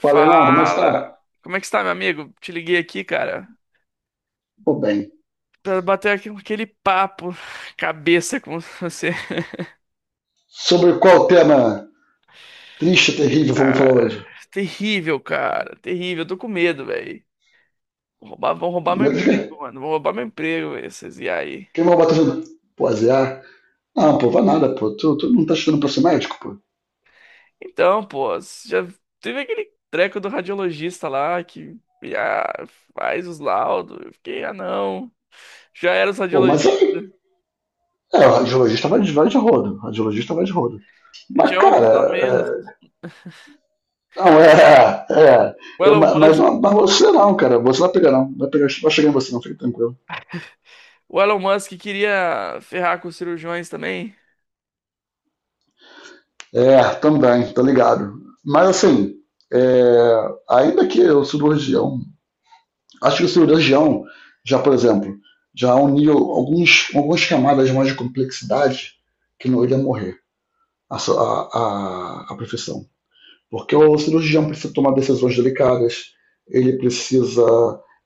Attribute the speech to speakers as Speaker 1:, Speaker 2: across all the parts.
Speaker 1: Fala, irmão, como é que
Speaker 2: Fala!
Speaker 1: está?
Speaker 2: Como é que está, meu amigo? Te liguei aqui, cara,
Speaker 1: Tô bem.
Speaker 2: pra bater aqui aquele papo cabeça com você.
Speaker 1: Sobre qual tema triste, terrível vamos falar hoje?
Speaker 2: Terrível, cara, terrível. Eu tô com medo, velho. Vão roubar meu
Speaker 1: Mas,
Speaker 2: emprego, mano. Vão roubar meu emprego, velho, esses e aí.
Speaker 1: Quem vai bater no... Pô, azear? Não, pô, vai nada, pô. Tu não tá estudando pra ser médico, pô?
Speaker 2: Então, pô, você já teve aquele treco do radiologista lá que ah, faz os laudos. Eu fiquei, ah, não. Já era os
Speaker 1: Pô, mas...
Speaker 2: radiologistas,
Speaker 1: é, o radiologista vai de rodo. O radiologista vai de rodo.
Speaker 2: já
Speaker 1: Mas,
Speaker 2: é uma
Speaker 1: cara...
Speaker 2: pessoa a menos.
Speaker 1: Não, é.
Speaker 2: O
Speaker 1: eu-
Speaker 2: Elon
Speaker 1: ma- mas,
Speaker 2: Musk,
Speaker 1: não, mas você não, cara. Você não vai pegar, não. Vai, pegar, vai chegar em você, não. Fica tranquilo.
Speaker 2: o Elon Musk queria ferrar com os cirurgiões também.
Speaker 1: É, também. Tá ligado. Mas, assim... é, ainda que eu cirurgião, acho que o cirurgião, já por exemplo, já uniu algumas camadas mais de complexidade que não iria morrer a, so- a profissão. Porque o cirurgião precisa tomar decisões delicadas, ele precisa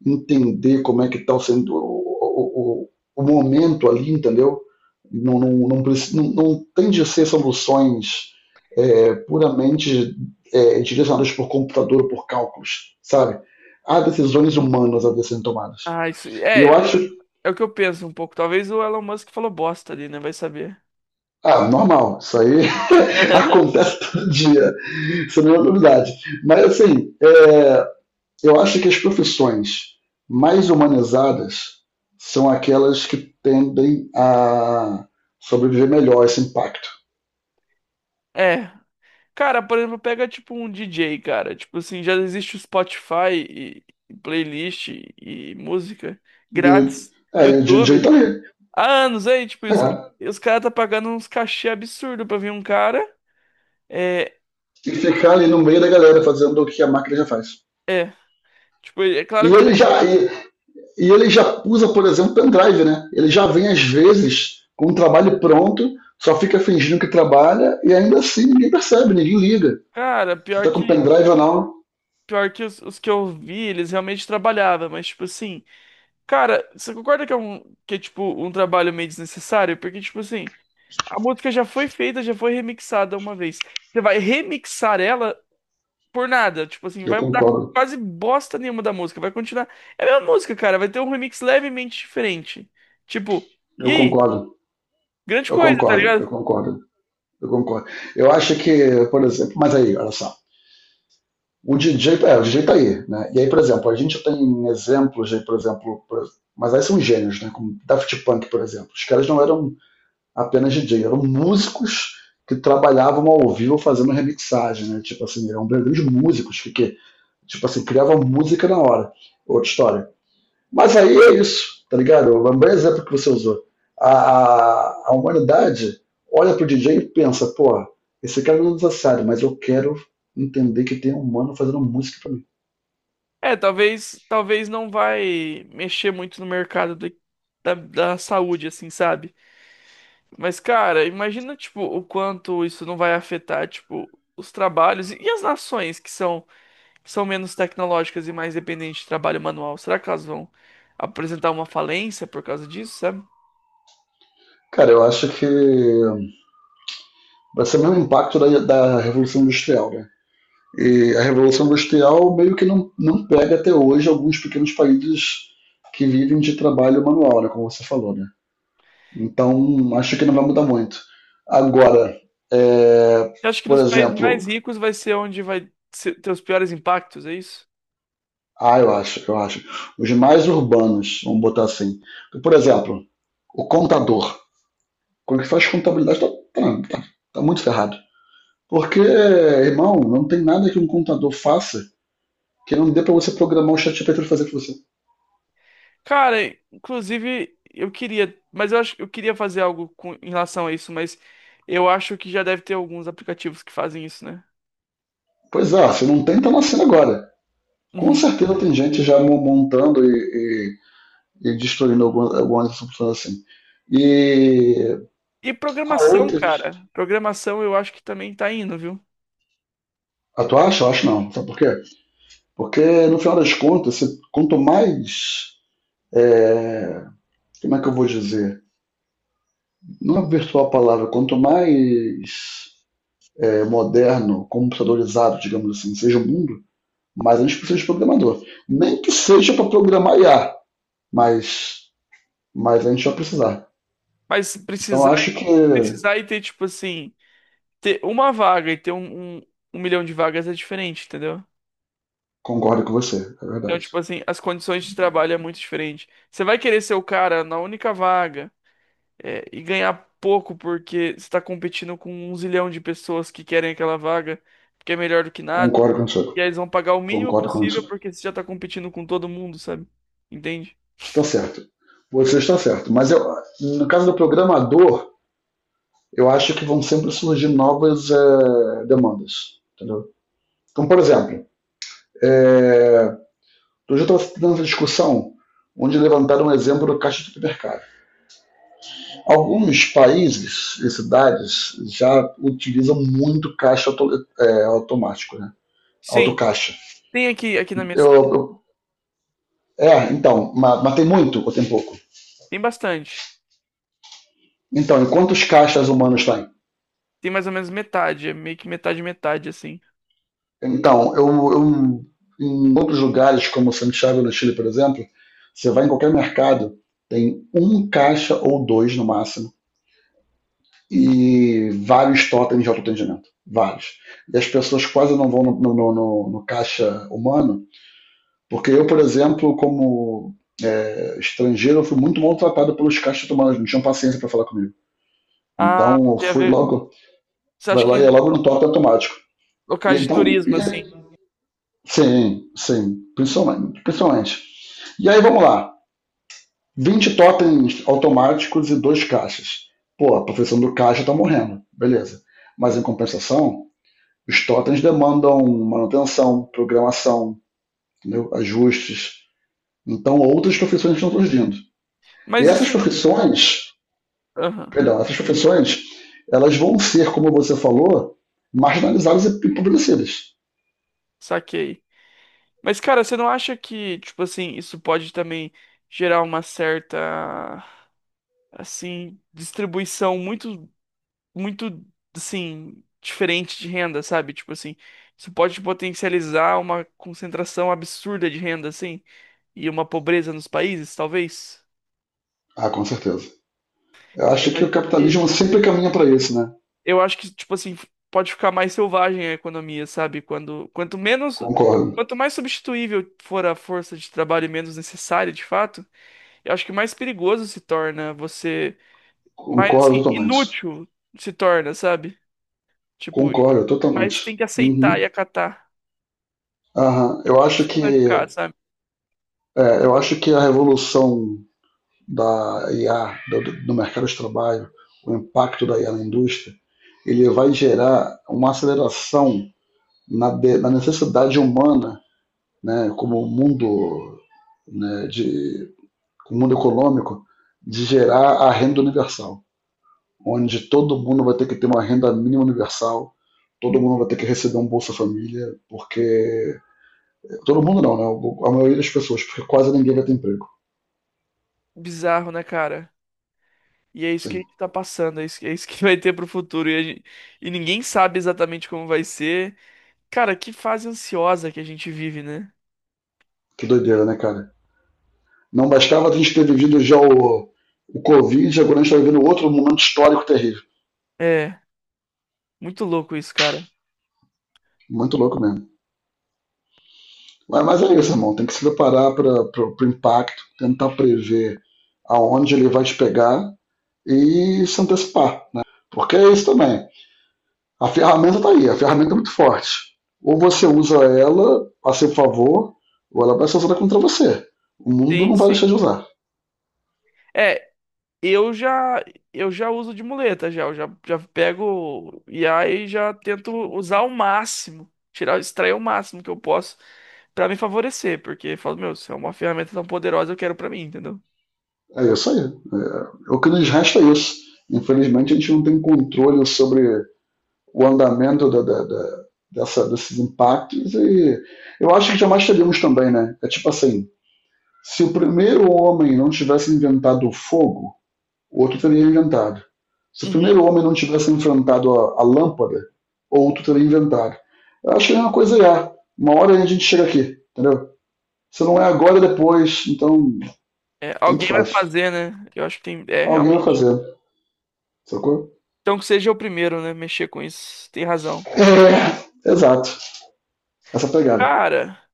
Speaker 1: entender como é que está sendo o momento ali, entendeu? Não, não, não, não, não tem de ser soluções puramente direcionadas por computador ou por cálculos, sabe? Há decisões humanas a serem tomadas.
Speaker 2: Ah, isso.
Speaker 1: E
Speaker 2: É,
Speaker 1: eu
Speaker 2: pelo
Speaker 1: acho,
Speaker 2: menos é o que eu penso um pouco. Talvez o Elon Musk falou bosta ali, né? Vai saber.
Speaker 1: ah, normal, isso aí acontece todo dia, isso não é novidade. Mas assim, eu acho que as profissões mais humanizadas são aquelas que tendem a sobreviver melhor a esse impacto.
Speaker 2: É. Cara, por exemplo, pega tipo um DJ, cara. Tipo assim, já existe o Spotify e playlist e música
Speaker 1: E o,
Speaker 2: grátis,
Speaker 1: e o DJ tá
Speaker 2: YouTube.
Speaker 1: ali.
Speaker 2: Há anos aí, tipo, e os,
Speaker 1: É.
Speaker 2: e os caras tá pagando uns cachê absurdo pra vir um cara. É,
Speaker 1: E ficar ali no meio da galera fazendo o que a máquina já faz.
Speaker 2: é. Tipo, é
Speaker 1: E
Speaker 2: claro que
Speaker 1: ele
Speaker 2: ele.
Speaker 1: já, e, e ele já usa, por exemplo, pendrive, né? Ele já vem, às vezes, com um trabalho pronto, só fica fingindo que trabalha e ainda assim ninguém percebe, ninguém liga.
Speaker 2: Cara,
Speaker 1: Se
Speaker 2: pior
Speaker 1: tá com
Speaker 2: que.
Speaker 1: pendrive ou não,
Speaker 2: Pior que os que eu vi, eles realmente trabalhavam, mas tipo assim. Cara, você concorda que que é tipo um trabalho meio desnecessário? Porque tipo assim, a música já foi feita, já foi remixada uma vez. Você vai remixar ela por nada, tipo assim,
Speaker 1: eu
Speaker 2: vai mudar
Speaker 1: concordo.
Speaker 2: quase bosta nenhuma da música, vai continuar. É a mesma música, cara, vai ter um remix levemente diferente. Tipo, e
Speaker 1: Eu
Speaker 2: aí?
Speaker 1: concordo.
Speaker 2: Grande
Speaker 1: Eu
Speaker 2: coisa, tá
Speaker 1: concordo. Eu
Speaker 2: ligado?
Speaker 1: concordo. Eu concordo. Eu acho que, por exemplo, mas aí, olha só. O DJ tá aí, né? E aí, por exemplo, a gente tem exemplos de. Mas aí são gênios, né? Como Daft Punk, por exemplo. Os caras não eram apenas DJ, eram músicos que trabalhavam ao vivo fazendo remixagem, né? Tipo assim, eram grandes músicos que tipo assim, criavam música na hora. Outra história. Mas aí é isso, tá ligado? O bom exemplo que você usou. A humanidade olha pro DJ e pensa, pô, esse cara não é necessário, mas eu quero entender que tem um humano fazendo música pra mim.
Speaker 2: É, talvez não vai mexer muito no mercado da saúde, assim, sabe? Mas, cara, imagina, tipo, o quanto isso não vai afetar, tipo, os trabalhos e as nações que são menos tecnológicas e mais dependentes de trabalho manual. Será que elas vão apresentar uma falência por causa disso, sabe?
Speaker 1: Cara, eu acho que vai ser o mesmo impacto da Revolução Industrial, né? E a Revolução Industrial meio que não pega até hoje alguns pequenos países que vivem de trabalho manual, né, como você falou, né? Então, acho que não vai mudar muito. Agora, é,
Speaker 2: Eu acho que
Speaker 1: por
Speaker 2: nos países
Speaker 1: exemplo,
Speaker 2: mais ricos vai ser onde vai ter os piores impactos, é isso?
Speaker 1: ah, eu acho. Os mais urbanos, vamos botar assim. Por exemplo, o contador. Quando ele faz contabilidade, tá- tá- tá muito ferrado. Porque, irmão, não tem nada que um contador faça que não dê pra você programar o ChatGPT pra fazer pra você.
Speaker 2: Cara, inclusive, eu queria, mas eu acho que eu queria fazer algo em relação a isso, mas eu acho que já deve ter alguns aplicativos que fazem isso, né?
Speaker 1: Pois é, se não tem, tá nascendo agora. Com
Speaker 2: Uhum.
Speaker 1: certeza tem gente já montando e destruindo algumas funções assim. E
Speaker 2: E
Speaker 1: há
Speaker 2: programação,
Speaker 1: outras.
Speaker 2: cara. Programação eu acho que também tá indo, viu?
Speaker 1: Ah, tu acha? Eu acho não. Sabe por quê? Porque, no final das contas, quanto mais, como é que eu vou dizer? Não é virtual a palavra, quanto mais moderno, computadorizado, digamos assim, seja o mundo, mais a gente precisa de programador. Nem que seja para programar IA, mas, mas a gente vai precisar.
Speaker 2: Mas
Speaker 1: Então
Speaker 2: precisar,
Speaker 1: acho que
Speaker 2: precisar e ter, tipo assim, ter uma vaga e ter um milhão de vagas é diferente, entendeu?
Speaker 1: concordo com você, é
Speaker 2: Então,
Speaker 1: verdade.
Speaker 2: tipo assim, as condições de trabalho é muito diferente. Você vai querer ser o cara na única vaga, é, e ganhar pouco porque você tá competindo com um zilhão de pessoas que querem aquela vaga, porque é melhor do que nada.
Speaker 1: Concordo contigo.
Speaker 2: E aí eles vão pagar o mínimo
Speaker 1: Concordo
Speaker 2: possível
Speaker 1: contigo.
Speaker 2: porque você já tá competindo com todo mundo, sabe? Entende?
Speaker 1: Você está certo. Você está certo. Mas eu, no caso do programador, eu acho que vão sempre surgir novas demandas. Entendeu? Então, por exemplo, é, outro dia eu estava tendo essa discussão, onde levantaram um exemplo do caixa de supermercado. Alguns países e cidades já utilizam muito caixa automático, né?
Speaker 2: Sim.
Speaker 1: Autocaixa.
Speaker 2: Tem aqui, aqui na minha.
Speaker 1: Eu, eu- então, mas, tem muito ou tem pouco?
Speaker 2: Tem bastante.
Speaker 1: Então, e quantos caixas humanos tem?
Speaker 2: Tem mais ou menos metade, é meio que metade, metade, assim.
Speaker 1: Então, eu- em outros lugares, como Santiago no Chile, por exemplo, você vai em qualquer mercado, tem um caixa ou dois no máximo e vários totens de autoatendimento. Vários. E as pessoas quase não vão no caixa humano, porque eu, por exemplo, como estrangeiro, eu fui muito maltratado pelos caixas humanos, não tinham paciência para falar comigo.
Speaker 2: Ah,
Speaker 1: Então eu
Speaker 2: tem a
Speaker 1: fui
Speaker 2: ver.
Speaker 1: logo,
Speaker 2: Você
Speaker 1: vai
Speaker 2: acha
Speaker 1: lá
Speaker 2: que
Speaker 1: e é logo no totem automático.
Speaker 2: locais
Speaker 1: E
Speaker 2: de
Speaker 1: então,
Speaker 2: turismo, assim?
Speaker 1: sim, sim, principalmente, principalmente. E aí vamos lá: 20 totens automáticos e dois caixas. Pô, a profissão do caixa tá morrendo, beleza. Mas em compensação, os totens demandam manutenção, programação, entendeu? Ajustes. Então, outras profissões estão surgindo. E
Speaker 2: Mas e
Speaker 1: essas
Speaker 2: se não.
Speaker 1: profissões,
Speaker 2: Aham,
Speaker 1: perdão, essas profissões, elas vão ser, como você falou, marginalizadas e empobrecidas.
Speaker 2: saquei. Mas, cara, você não acha que, tipo assim, isso pode também gerar uma certa, assim, distribuição muito. Muito, assim, diferente de renda, sabe? Tipo assim, isso pode potencializar uma concentração absurda de renda, assim, e uma pobreza nos países, talvez.
Speaker 1: Ah, com certeza. Eu
Speaker 2: Eu
Speaker 1: acho que o
Speaker 2: imagino
Speaker 1: capitalismo
Speaker 2: que.
Speaker 1: sempre caminha para isso, né?
Speaker 2: Eu acho que, tipo assim, pode ficar mais selvagem a economia, sabe? Quando, quanto menos.
Speaker 1: Concordo.
Speaker 2: Quanto mais substituível for a força de trabalho e menos necessária, de fato, eu acho que mais perigoso se torna você. Mais
Speaker 1: Concordo
Speaker 2: assim,
Speaker 1: totalmente.
Speaker 2: inútil se torna, sabe? Tipo,
Speaker 1: Concordo totalmente.
Speaker 2: mas tem que aceitar e
Speaker 1: Uhum.
Speaker 2: acatar.
Speaker 1: Aham.
Speaker 2: Que
Speaker 1: Eu
Speaker 2: ponto
Speaker 1: acho
Speaker 2: isso vai ficar,
Speaker 1: que
Speaker 2: sabe?
Speaker 1: é, eu acho que a revolução da IA do mercado de trabalho, o impacto da IA na indústria, ele vai gerar uma aceleração na necessidade humana, né, como o mundo, né, o mundo econômico, de gerar a renda universal, onde todo mundo vai ter que ter uma renda mínima universal, todo mundo vai ter que receber um Bolsa Família, porque... Todo mundo não, né? A maioria das pessoas, porque quase ninguém vai ter emprego.
Speaker 2: Bizarro, né, cara? E é isso que a
Speaker 1: Sim.
Speaker 2: gente tá passando, é isso que vai ter pro futuro. E, a gente- e ninguém sabe exatamente como vai ser. Cara, que fase ansiosa que a gente vive, né?
Speaker 1: Que doideira, né, cara? Não bastava a gente ter vivido já o Covid, agora a gente está vivendo outro momento histórico terrível.
Speaker 2: É, muito louco isso, cara.
Speaker 1: Muito louco mesmo. Mas é isso, irmão. Tem que se preparar para o impacto, tentar prever aonde ele vai te pegar e se antecipar. Né? Porque é isso também. A ferramenta está aí, a ferramenta é muito forte. Ou você usa ela a seu favor, ou ela vai ser usada contra você. O mundo
Speaker 2: Sim,
Speaker 1: não vai deixar
Speaker 2: sim.
Speaker 1: de usar.
Speaker 2: É, eu já eu já uso de muleta já, eu já pego o IA e já tento usar o máximo, tirar, extrair o máximo que eu posso pra me favorecer, porque eu falo, meu, isso é uma ferramenta tão poderosa, eu quero pra mim, entendeu?
Speaker 1: É isso aí. É, o que nos resta é isso. Infelizmente, a gente não tem controle sobre o andamento desses impactos. E eu acho que jamais teríamos também, né? É tipo assim: se o primeiro homem não tivesse inventado o fogo, o outro teria inventado. Se o primeiro homem não tivesse enfrentado a lâmpada, o outro teria inventado. Eu acho que é uma coisa já. Uma hora a gente chega aqui, entendeu? Se não é agora, é depois. Então,
Speaker 2: É,
Speaker 1: tanto
Speaker 2: alguém vai
Speaker 1: faz.
Speaker 2: fazer, né? Eu acho que tem. É,
Speaker 1: Alguém vai
Speaker 2: realmente.
Speaker 1: fazer, sacou?
Speaker 2: Então que seja o primeiro, né? Mexer com isso. Tem razão.
Speaker 1: É, exato. Essa pegada.
Speaker 2: Cara,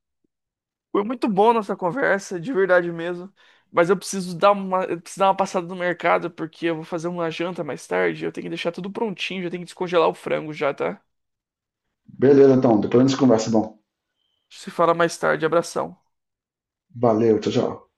Speaker 2: foi muito bom nossa conversa, de verdade mesmo. Mas eu preciso dar uma, eu preciso dar uma passada no mercado, porque eu vou fazer uma janta mais tarde. Eu tenho que deixar tudo prontinho, já tenho que descongelar o frango já, tá?
Speaker 1: Beleza, então. Depois a gente conversa. Bom,
Speaker 2: Se fala mais tarde. Abração.
Speaker 1: valeu. Tchau, tchau.